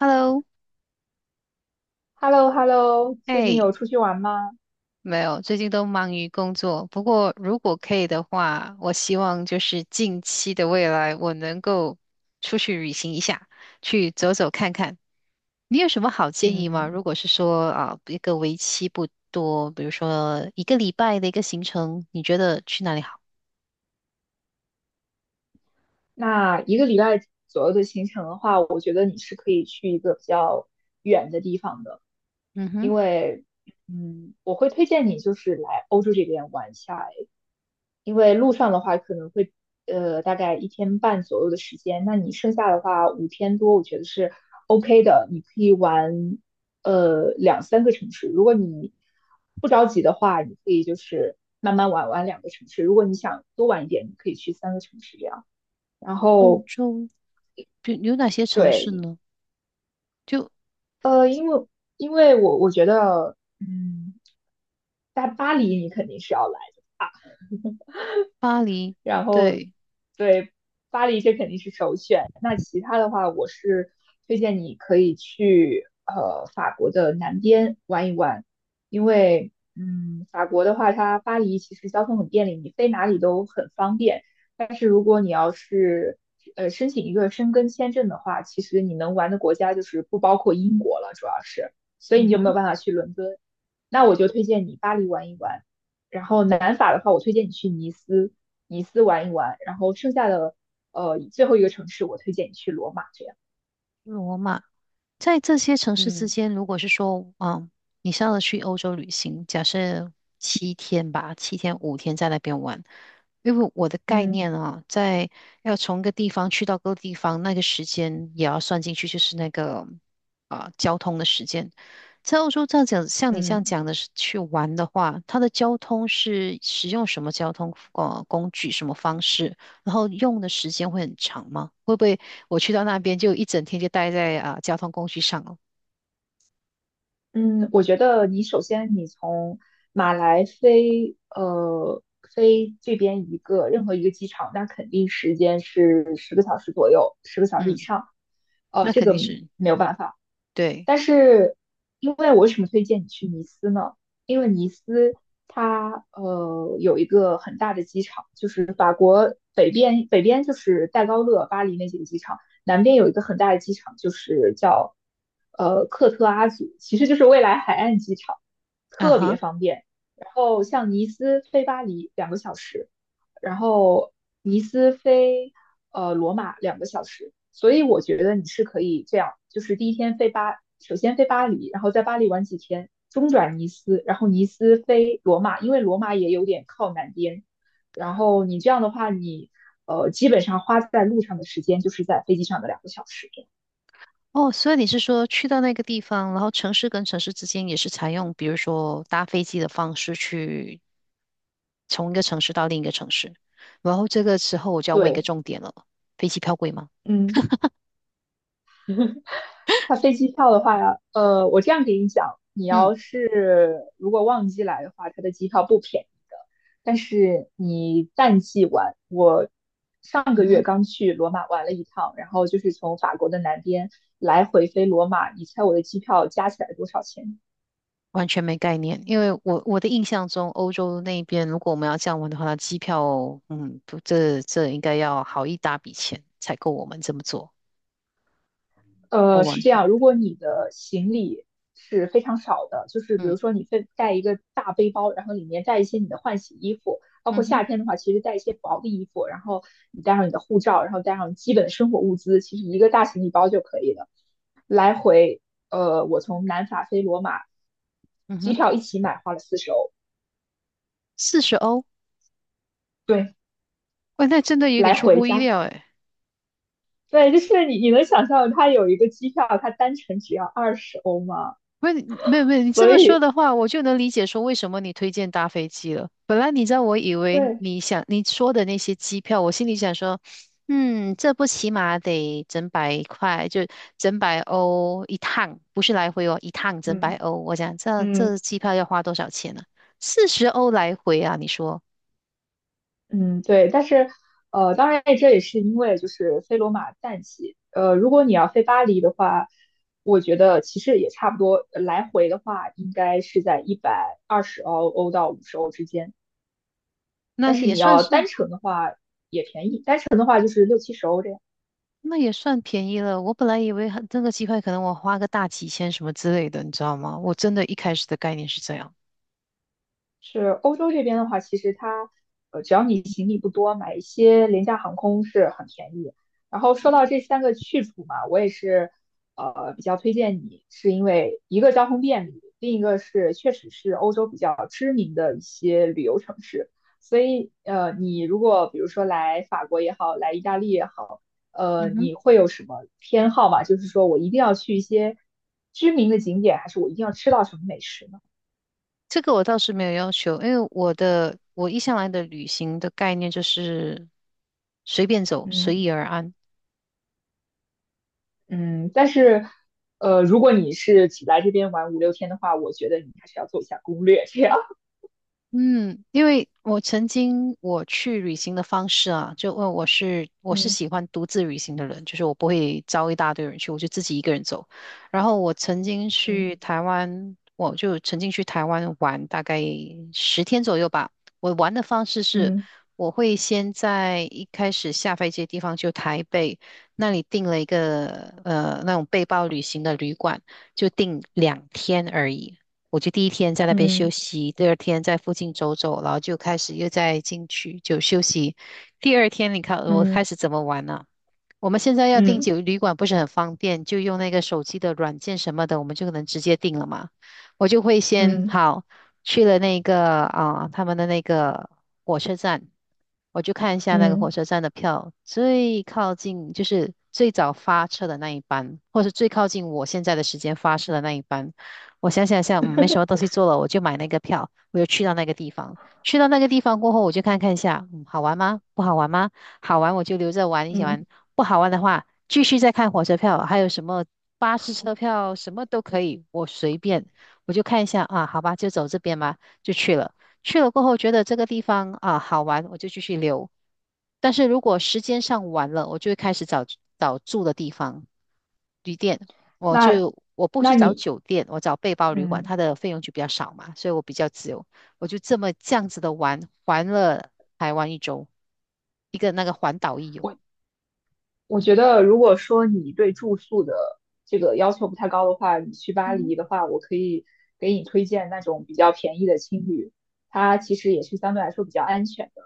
Hello，h e l l o h e l l o 最近哎，有出去玩吗？没有，最近都忙于工作。不过，如果可以的话，我希望就是近期的未来，我能够出去旅行一下，去走走看看。你有什么好建议吗？嗯，如果是说啊，一个为期不多，比如说一个礼拜的一个行程，你觉得去哪里好？那一个礼拜左右的行程的话，我觉得你是可以去一个比较远的地方的，嗯哼，因为，我会推荐你就是来欧洲这边玩一下，因为路上的话可能会大概一天半左右的时间，那你剩下的话5天多，我觉得是 OK 的，你可以玩两三个城市。如果你不着急的话，你可以就是慢慢玩玩两个城市。如果你想多玩一点，你可以去三个城市这样。然欧后洲，比有哪些城市对，呢？就呃，因为因为我觉得在巴黎，你肯定是要来。巴黎，然后对，对，巴黎这肯定是首选。那其他的话，我是推荐你可以去法国的南边玩一玩，因为法国的话，它巴黎其实交通很便利，你飞哪里都很方便。但是如果你要是申请一个申根签证的话，其实你能玩的国家就是不包括英国了，主要是，所以嗯你就没哼，有办法去伦敦。那我就推荐你巴黎玩一玩，然后南法的话，我推荐你去尼斯，尼斯玩一玩，然后剩下的最后一个城市我推荐你去罗马这样。罗马。在这些城市之嗯间，如果是说，你是要去欧洲旅行，假设七天吧，七天5天在那边玩，因为我的概嗯念啊，在要从一个地方去到各个地方，那个时间也要算进去，就是那个啊、交通的时间。在欧洲这样讲，像你这样嗯，讲的是去玩的话，它的交通是使用什么交通工具、什么方式，然后用的时间会很长吗？会不会我去到那边就一整天就待在啊、交通工具上了。嗯，我觉得你首先你从马来飞这边一个任何一个机场，那肯定时间是十个小时左右，十个小时以嗯，上，那这肯个定是没有办法。对但是，因为我为什么推荐你去尼斯呢？因为尼斯它有一个很大的机场，就是法国北边，北边就是戴高乐、巴黎那几个机场，南边有一个很大的机场，就是叫克特阿祖，其实就是未来海岸机场，啊特哈。别方便。然后像尼斯飞巴黎两个小时，然后尼斯飞罗马两个小时，所以我觉得你是可以这样，就是第一天飞巴，首先飞巴黎，然后在巴黎玩几天，中转尼斯，然后尼斯飞罗马，因为罗马也有点靠南边，然后你这样的话，你基本上花在路上的时间就是在飞机上的两个小时。哦，所以你是说去到那个地方，然后城市跟城市之间也是采用，比如说搭飞机的方式去从一个城市到另一个城市。然后这个时候我就要问一个对，重点了，飞机票贵吗？嗯。它飞机票的话我这样给你讲，你嗯要是如果旺季来的话，它的机票不便宜的。但是你淡季玩，我上个嗯月哼，刚去罗马玩了一趟，然后就是从法国的南边来回飞罗马，你猜我的机票加起来多少钱？完全没概念，因为我的印象中，欧洲那边如果我们要这样玩的话，那机票，不这应该要好一大笔钱才够我们这么做。我是完这全没样，如有果你的行李是非常少的，就是比嗯。如说你非带一个大背包，然后里面带一些你的换洗衣服，包嗯括夏哼，天的话，其实带一些薄的衣服，然后你带上你的护照，然后带上基本的生活物资，其实一个大行李包就可以了。来回，我从南法飞罗马，嗯机哼，票一起买花了40欧，四十欧，对，喂，那真的有点来出回乎意加，料诶。对，就是你能想象它有一个机票，它单程只要二十欧吗？喂，没有没有，你这所么说以，的话，我就能理解说为什么你推荐搭飞机了。本来你知道，我以为对，你说的那些机票，我心里想说，这不起码得整百块，就整百欧一趟，不是来回哦，一趟整百嗯。欧。我想这嗯，这机票要花多少钱呢、四十欧来回啊，你说嗯，对，但是，当然这也是因为就是飞罗马淡季，如果你要飞巴黎的话，我觉得其实也差不多，来回的话应该是在一百二十欧到50欧之间，那但是也你算要是。单程的话也便宜，单程的话就是60到70欧这样。那也算便宜了。我本来以为很这个机会可能我花个大几千什么之类的，你知道吗？我真的一开始的概念是这样。是欧洲这边的话，其实它只要你行李不多，买一些廉价航空是很便宜。然后说到这三个去处嘛，我也是比较推荐你，是因为一个交通便利，另一个是确实是欧洲比较知名的一些旅游城市。所以你如果比如说来法国也好，来意大利也好，嗯哼，你会有什么偏好吗？就是说我一定要去一些知名的景点，还是我一定要吃到什么美食呢？这个我倒是没有要求，因为我一向来的旅行的概念就是随便走，嗯。随意而安。嗯，但是，如果你是只来这边玩五六天的话，我觉得你还是要做一下攻略，这样。嗯，因为我曾经我去旅行的方式啊，就问我是嗯喜欢独自旅行的人，就是我不会招一大堆人去，我就自己一个人走。然后我曾经嗯去台湾，我就曾经去台湾玩大概10天左右吧。我玩的方式是，嗯我会先在一开始下飞机的地方，就台北那里订了一个那种背包旅行的旅馆，就订两天而已。我就第一天在那边休嗯息，第二天在附近走走，然后就开始又再进去就休息。第二天你看我开嗯始怎么玩呢、我们现在要订嗯酒旅馆不是很方便，就用那个手机的软件什么的，我们就可能直接订了嘛。我就会先嗯好去了那个啊、他们的那个火车站，我就看一下那个火嗯车站的票，最靠近就是最早发车的那一班，或是最靠近我现在的时间发车的那一班。我想想，没什么东西做了，我就买那个票，我就去到那个地方。去到那个地方过后，我就看看一下，好玩吗？不好玩吗？好玩我就留着玩一起嗯 玩。不好玩的话，继续再看火车票，还有什么巴士车票，什么都可以，我随便，我就看一下啊，好吧，就走这边嘛，就去了。去了过后觉得这个地方啊好玩，我就继续留。但是如果时间上晚了，我就会开始找找住的地方，旅店。我那，就我不那是找你，酒店，我找背包旅馆，嗯，它的费用就比较少嘛，所以我比较自由。我就这么这样子的玩，玩了台湾一周，一个那个环岛一游。我我觉得，如果说你对住宿的这个要求不太高的话，你去巴嗯。黎的话，我可以给你推荐那种比较便宜的青旅，它其实也是相对来说比较安全的，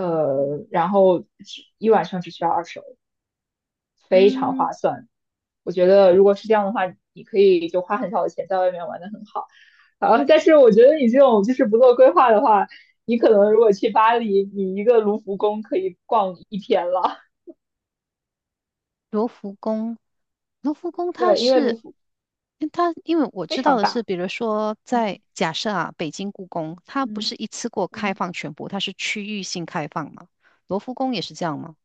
然后只一晚上只需要二十，非常嗯，划算。我觉得如果是这样的话，你可以就花很少的钱在外面玩的很好。啊，但是我觉得你这种就是不做规划的话，你可能如果去巴黎，你一个卢浮宫可以逛一天了。罗浮宫，罗浮宫它对，因为卢是，浮因为我非知道常的是，大。比如说在嗯假设啊，北京故宫，它不嗯是一次过开嗯。放全部，它是区域性开放嘛，罗浮宫也是这样吗？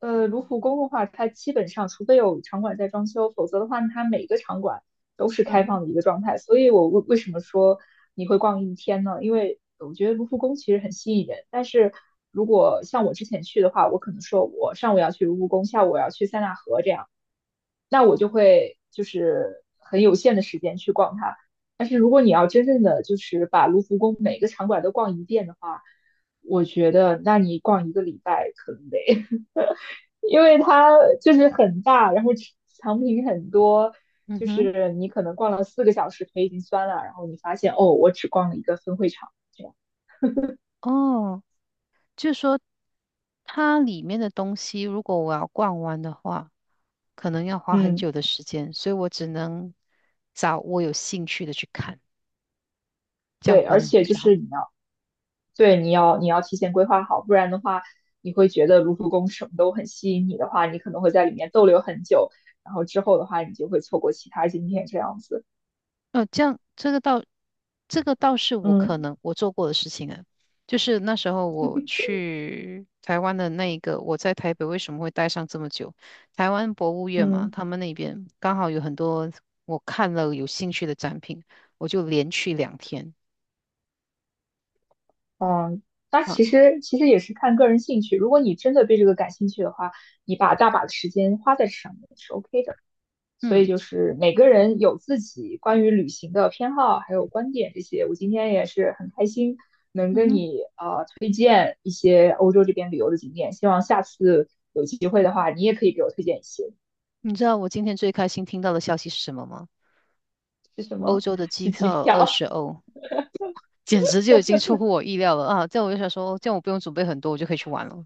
卢浮宫的话，它基本上除非有场馆在装修，否则的话，它每个场馆都是嗯开哼，放的一个状态。所以我为什么说你会逛一天呢？因为我觉得卢浮宫其实很吸引人，但是如果像我之前去的话，我可能说我上午要去卢浮宫，下午我要去塞纳河这样，那我就会就是很有限的时间去逛它。但是如果你要真正的就是把卢浮宫每个场馆都逛一遍的话，我觉得那你逛一个礼拜可能得。因为它就是很大，然后产品很多，嗯就哼，是你可能逛了4个小时，腿已经酸了，然后你发现哦，我只逛了一个分会场，这样，哦，就是说它里面的东西，如果我要逛完的话，可能要花很嗯，久的时间，所以我只能找我有兴趣的去看，这样对，可而能且比就较好。是你要，对，你要提前规划好，不然的话，你会觉得卢浮宫什么都很吸引你的话，你可能会在里面逗留很久，然后之后的话，你就会错过其他景点这样子，呃，这样这个倒，这个倒是我可嗯能我做过的事情啊，就是那时候我去台湾的那一个，我在台北为什么会待上这么久？台湾博物院嘛，嗯。他们那边刚好有很多我看了有兴趣的展品，我就连去两天嗯，那其啊，实其实也是看个人兴趣。如果你真的对这个感兴趣的话，你把大把的时间花在这上面是 OK 的。所嗯以就是每个人有自己关于旅行的偏好，还有观点这些。我今天也是很开心能嗯跟哼，你推荐一些欧洲这边旅游的景点，希望下次有机会的话，你也可以给我推荐一些。你知道我今天最开心听到的消息是什么吗？是什欧么？洲的机是机票二票。十欧，简直就已经出乎我意料了啊！这样我就想说，哦这样我不用准备很多，我就可以去玩了，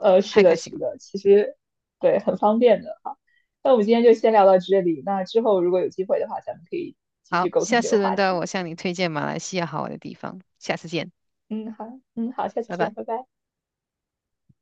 太是开的，心是了。的，其实对，很方便的哈。那我们今天就先聊到这里，那之后如果有机会的话，咱们可以继续好，沟下通这次个轮话到题。我向你推荐马来西亚好玩的地方，下次见，嗯，好，嗯，好，下次拜见，拜。拜拜。